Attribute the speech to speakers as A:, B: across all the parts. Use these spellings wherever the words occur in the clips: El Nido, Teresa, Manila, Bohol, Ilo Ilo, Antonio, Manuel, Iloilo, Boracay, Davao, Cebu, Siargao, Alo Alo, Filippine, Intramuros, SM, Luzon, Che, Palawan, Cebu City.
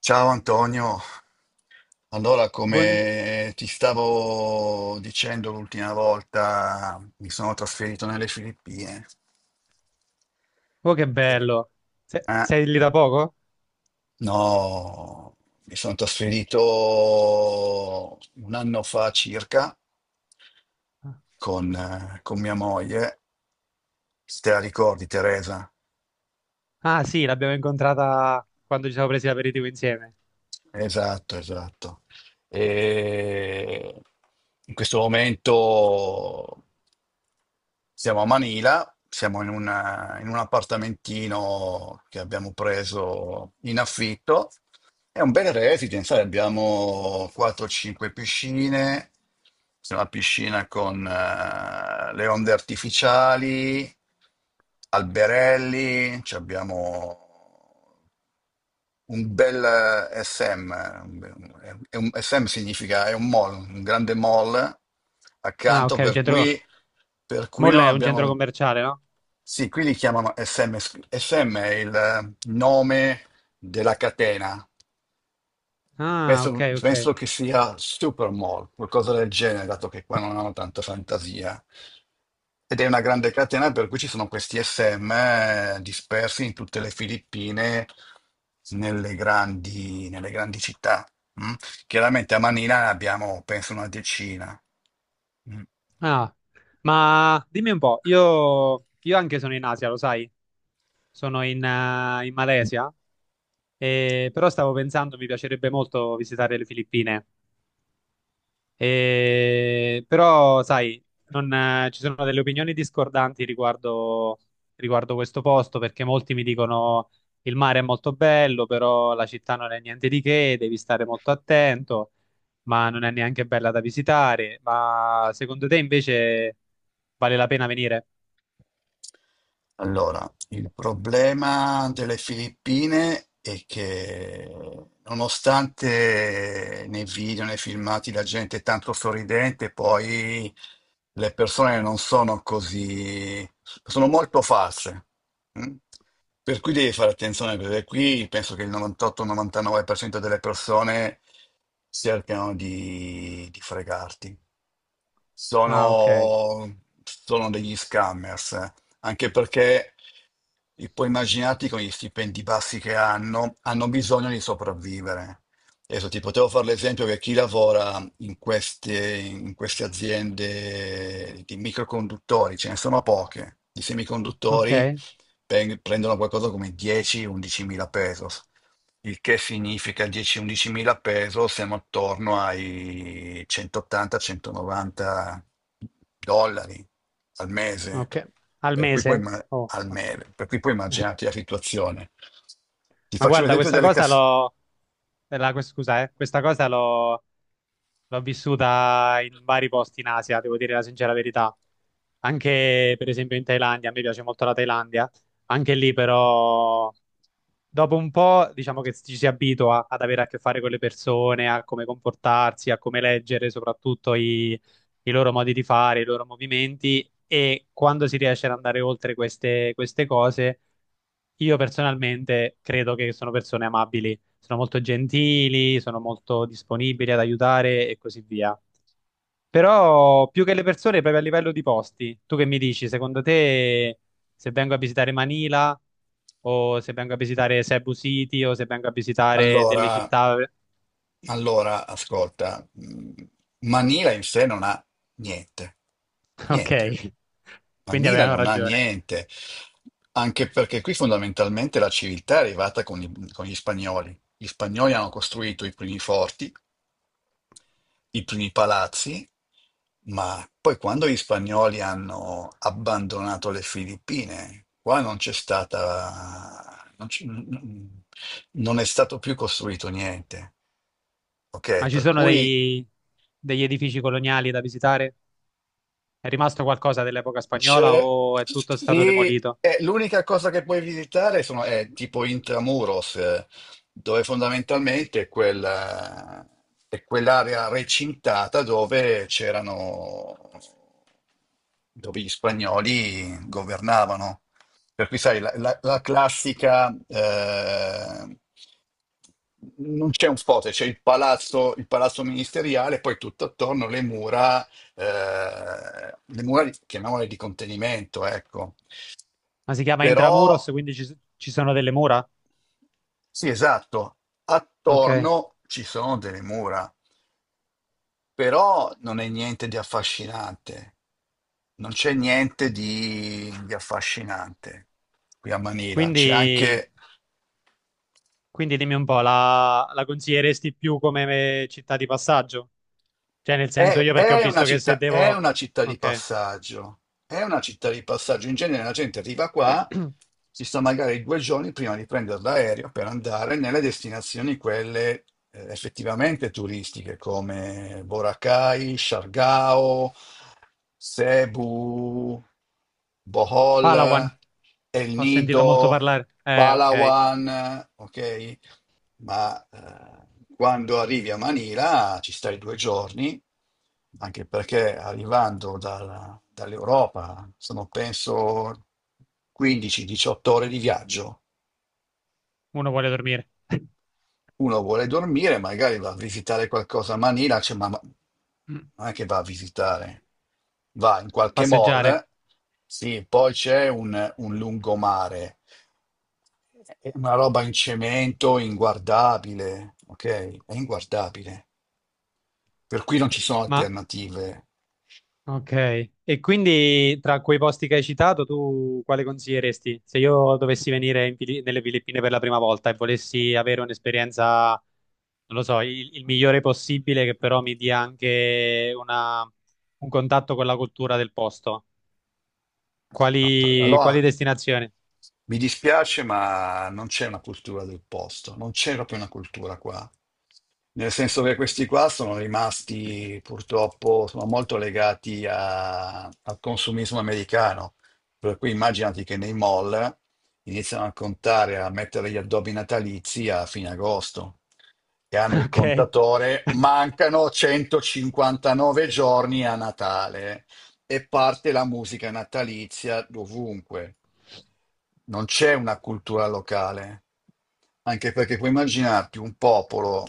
A: Ciao Antonio, allora
B: Buon-
A: come ti stavo dicendo l'ultima volta, mi sono trasferito nelle Filippine.
B: Oh, che
A: Eh,
B: bello. Se-
A: Ah,
B: Sei lì da poco?
A: no, mi sono trasferito un anno fa circa con mia moglie. Se te la ricordi, Teresa?
B: Ah, sì, l'abbiamo incontrata quando ci siamo presi l'aperitivo insieme.
A: Esatto, esatto. E in questo momento siamo a Manila, siamo in un appartamentino che abbiamo preso in affitto. È un bel residence, sai, abbiamo 4-5 piscine, c'è una piscina con le onde artificiali, alberelli, ci abbiamo un bel SM, un be- un- è un- SM significa è un mall, un grande mall
B: Ah,
A: accanto,
B: ok, un
A: per
B: centro...
A: cui, per cui non
B: Molle è un centro
A: abbiamo.
B: commerciale, no?
A: Sì, qui li chiamano SM, SM è il nome della catena.
B: Ah, ok,
A: Penso,
B: ok.
A: penso che sia Supermall, qualcosa del genere, dato che qua non hanno tanta fantasia. Ed è una grande catena per cui ci sono questi SM dispersi in tutte le Filippine, nelle grandi città. Mm. Chiaramente a Manila ne abbiamo, penso, una decina. Mm.
B: Ah, ma dimmi un po', io, anche sono in Asia, lo sai? Sono in, in Malesia, e... però stavo pensando, mi piacerebbe molto visitare le Filippine. E- però, sai, non, ci sono delle opinioni discordanti riguardo, riguardo questo posto, perché molti mi dicono il mare è molto bello, però la città non è niente di che, devi stare molto attento, ma non è neanche bella da visitare. Ma secondo te invece vale la pena venire?
A: Allora, il problema delle Filippine è che nonostante nei video, nei filmati la gente è tanto sorridente, poi le persone non sono così, sono molto false. Mm? Per cui devi fare attenzione perché qui penso che il 98-99% delle persone cercano di, fregarti.
B: Ah, ok,
A: Sono degli scammers, eh. anche perché e poi immaginati con gli stipendi bassi che hanno, bisogno di sopravvivere. Adesso ti potevo fare l'esempio che chi lavora in queste aziende di microconduttori, ce ne sono poche, di semiconduttori,
B: ok,
A: prendono qualcosa come 10-11 mila pesos, il che significa 10-11 mila pesos, siamo attorno ai 180-190 dollari al mese,
B: ok. Al
A: per cui puoi,
B: mese?
A: imma-
B: Oh.
A: per cui puoi immaginarti la situazione. Ti
B: Ma
A: faccio
B: guarda,
A: l'esempio
B: questa
A: delle
B: cosa
A: casse.
B: l'ho... Scusa, questa cosa l'ho vissuta in vari posti in Asia, devo dire la sincera verità. Anche per esempio in Thailandia, a me piace molto la Thailandia. Anche lì però dopo un po' diciamo che ci si abitua ad avere a che fare con le persone, a come comportarsi, a come leggere soprattutto i, i loro modi di fare, i loro movimenti e quando si riesce ad andare oltre queste cose, io personalmente credo che sono persone amabili, sono molto gentili, sono molto disponibili ad aiutare e così via. Però più che le persone, proprio a livello di posti, tu che mi dici, secondo te se vengo a visitare Manila o se vengo a visitare Cebu City o se vengo a visitare delle
A: Allora,
B: città...
A: allora, ascolta, Manila in sé non ha niente, niente.
B: Ok, quindi
A: Manila
B: avevano
A: non ha
B: ragione.
A: niente, anche perché qui fondamentalmente la civiltà è arrivata con gli spagnoli. Gli spagnoli hanno costruito i primi forti, i primi palazzi, ma poi quando gli spagnoli hanno abbandonato le Filippine, qua non c'è stata, non, c'è- non è stato più costruito niente.
B: Ma
A: Ok,
B: ci
A: per
B: sono
A: cui.
B: dei- degli edifici coloniali da visitare? È rimasto qualcosa dell'epoca spagnola
A: C'è,
B: o è tutto stato
A: sì,
B: demolito?
A: l'unica cosa che puoi visitare sono, è tipo Intramuros, dove fondamentalmente è quell'area recintata dove gli spagnoli governavano. Per cui, sai, la classica, non c'è un forte, c'è il palazzo ministeriale, poi tutto attorno le mura, chiamiamole di contenimento, ecco.
B: Ma si chiama
A: Però,
B: Intramuros, quindi ci, ci sono delle mura?
A: sì, esatto,
B: Ok.
A: attorno ci sono delle mura. Però non è niente di affascinante, non c'è niente di affascinante qui a Manila, c'è
B: Quindi,
A: anche.
B: quindi dimmi un po', la, la consiglieresti più come città di passaggio? Cioè, nel senso
A: È,
B: io perché ho
A: è una
B: visto che se
A: città, è
B: devo...
A: una città di
B: Ok.
A: passaggio, è una città di passaggio, in genere la gente arriva qua, si sta magari 2 giorni prima di prendere l'aereo per andare nelle destinazioni quelle effettivamente turistiche come Boracay, Siargao, Cebu.
B: Palawan,
A: Bohol, El
B: ho sentito molto
A: Nido,
B: parlare. Ok.
A: Palawan, ok? Ma quando arrivi a Manila ci stai 2 giorni, anche perché arrivando dall'Europa sono penso 15-18 ore di viaggio.
B: Uno vuole dormire,
A: Uno vuole dormire, magari va a visitare qualcosa a Manila, cioè, non è che va a visitare, va in qualche
B: passeggiare,
A: mall, sì, poi c'è un lungomare, è una roba in cemento inguardabile, ok? È inguardabile, per cui non ci sono
B: ma
A: alternative.
B: ok, e quindi tra quei posti che hai citato, tu quale consiglieresti? Se io dovessi venire in Fili- nelle Filippine per la prima volta e volessi avere un'esperienza, non lo so, il migliore possibile, che però mi dia anche una- un contatto con la cultura del posto,
A: No,
B: quali, quali
A: allora
B: destinazioni?
A: mi dispiace, ma non c'è una cultura del posto, non c'è proprio una cultura qua. Nel senso che questi qua sono rimasti purtroppo, sono molto legati al consumismo americano. Per cui immaginati che nei mall iniziano a contare, a mettere gli addobbi natalizi a fine agosto che hanno il
B: Ok.
A: contatore, mancano 159 giorni a Natale e parte la musica natalizia dovunque. Non c'è una cultura locale, anche perché puoi immaginarti un popolo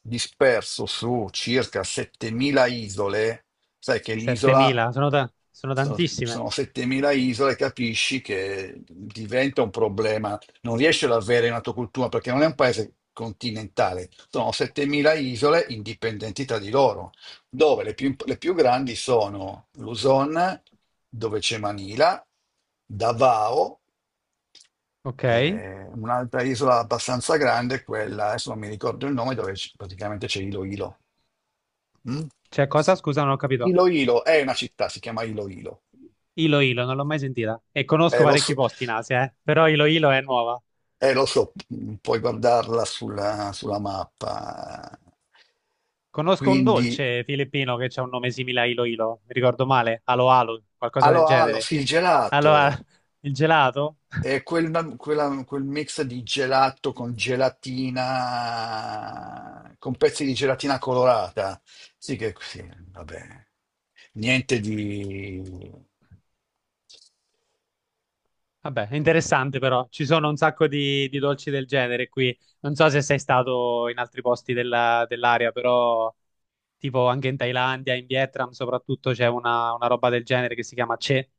A: disperso su circa 7.000 isole, sai che l'isola
B: 7.000, sono, ta- sono
A: sono,
B: tantissime.
A: sono 7.000 isole, capisci che diventa un problema. Non riesci ad avere una tua cultura perché non è un paese continentale, sono 7.000 isole indipendenti tra di loro, dove le più grandi sono Luzon, dove c'è Manila, Davao,
B: Ok,
A: un'altra isola abbastanza grande, è quella, adesso non mi ricordo il nome, praticamente c'è Iloilo. Mm?
B: c'è cosa? Scusa, non ho capito.
A: Iloilo è una città, si chiama Iloilo.
B: Ilo Ilo, non l'ho mai sentita. E conosco
A: Lo
B: parecchi
A: so,
B: posti in Asia, però Ilo Ilo è nuova.
A: lo so, puoi guardarla sulla, sulla mappa.
B: Conosco un
A: Quindi,
B: dolce filippino che ha un nome simile a Ilo Ilo, mi ricordo male, Alo Alo, qualcosa del
A: allora, ah,
B: genere.
A: sì, il
B: Allora,
A: gelato
B: il gelato?
A: è quel mix di gelato con gelatina, con pezzi di gelatina colorata. Sì, che sì, vabbè, niente di.
B: Vabbè, è interessante però, ci sono un sacco di dolci del genere qui. Non so se sei stato in altri posti della- dell'area, però tipo anche in Thailandia, in Vietnam soprattutto c'è una roba del genere che si chiama Che.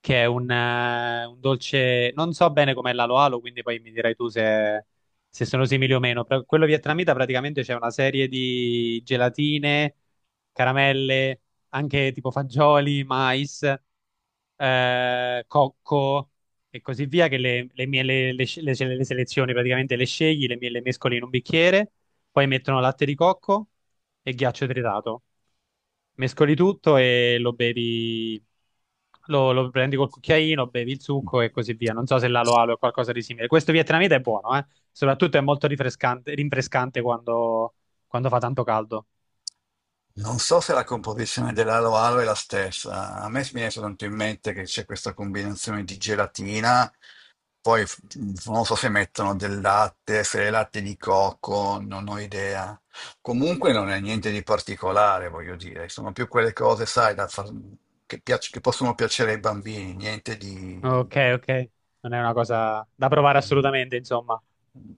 B: Che è un dolce, non so bene com'è l'alo alo, quindi poi mi dirai tu se, se sono simili o meno. Però quello vietnamita praticamente c'è una serie di gelatine, caramelle, anche tipo fagioli, mais, cocco e così via, che le, le selezioni praticamente le scegli, le mescoli in un bicchiere, poi mettono latte di cocco e ghiaccio tritato, mescoli tutto e lo bevi, lo prendi col cucchiaino, bevi il succo e così via. Non so se l'alo alo è qualcosa di simile. Questo vietnamita è buono, eh? Soprattutto è molto rinfrescante, rinfrescante quando, quando fa tanto caldo.
A: Non so se la composizione dell'alo alo è la stessa. A me mi viene soltanto in mente che c'è questa combinazione di gelatina, poi non so se mettono del latte, se è latte di cocco, non ho idea. Comunque non è niente di particolare, voglio dire. Sono più quelle cose, sai, da far- che, piac- che possono piacere ai bambini, niente di.
B: Ok, ok. Non è una cosa da provare assolutamente, insomma.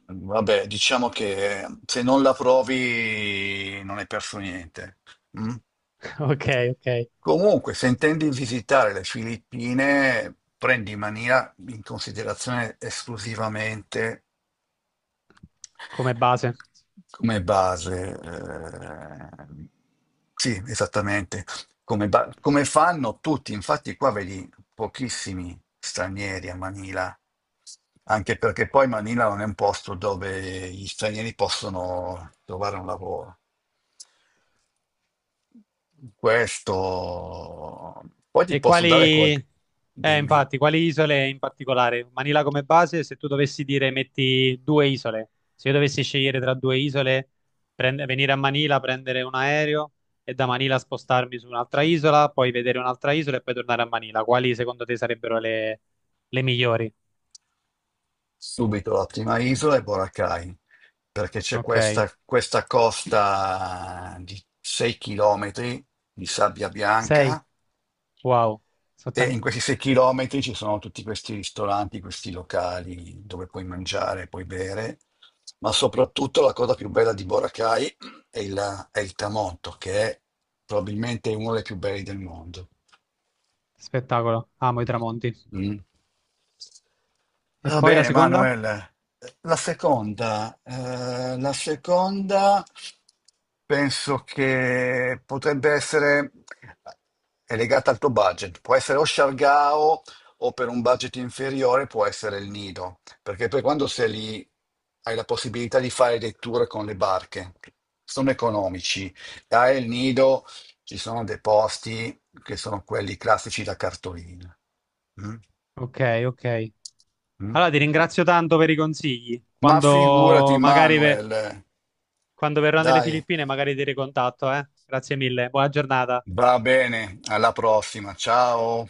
A: Vabbè, diciamo che se non la provi non hai perso niente. Mm?
B: Ok, ok.
A: Comunque, se intendi visitare le Filippine, prendi in maniera in considerazione esclusivamente
B: Come base.
A: come base, sì, esattamente, come fanno tutti, infatti qua vedi pochissimi stranieri a Manila, anche perché poi Manila non è un posto dove gli stranieri possono trovare un lavoro. Questo, poi ti
B: E
A: posso dare
B: quali,
A: qualche. Dimmi.
B: infatti, quali isole in particolare? Manila come base, se tu dovessi dire metti due isole, se io dovessi scegliere tra due isole, prend- venire a Manila, prendere un aereo e da Manila spostarmi su un'altra isola, poi vedere un'altra isola e poi tornare a Manila, quali secondo te sarebbero le migliori?
A: Subito la prima isola è Boracay, perché c'è
B: Ok,
A: questa costa di 6 chilometri di sabbia
B: sei?
A: bianca
B: Wow, sono
A: e
B: tan-
A: in questi 6 chilometri ci sono tutti questi ristoranti, questi locali dove puoi mangiare, puoi bere, ma soprattutto la cosa più bella di Boracay è il tramonto, che è probabilmente uno dei più belli del mondo.
B: spettacolo, amo i tramonti.
A: Mm.
B: E
A: Va
B: poi la
A: bene,
B: seconda?
A: Manuel. La seconda penso che potrebbe essere è legata al tuo budget. Può essere o Shargao o per un budget inferiore può essere il Nido, perché poi quando sei lì hai la possibilità di fare dei tour con le barche. Sono economici. Dai, il Nido ci sono dei posti che sono quelli classici da cartolina. Mm?
B: Ok, ok.
A: Mm?
B: Allora, ti ringrazio tanto per i consigli.
A: Ma figurati,
B: Quando magari ve-
A: Manuel.
B: quando verrò nelle
A: Dai,
B: Filippine, magari ti ricontatto, eh. Grazie mille. Buona giornata.
A: va bene, alla prossima. Ciao.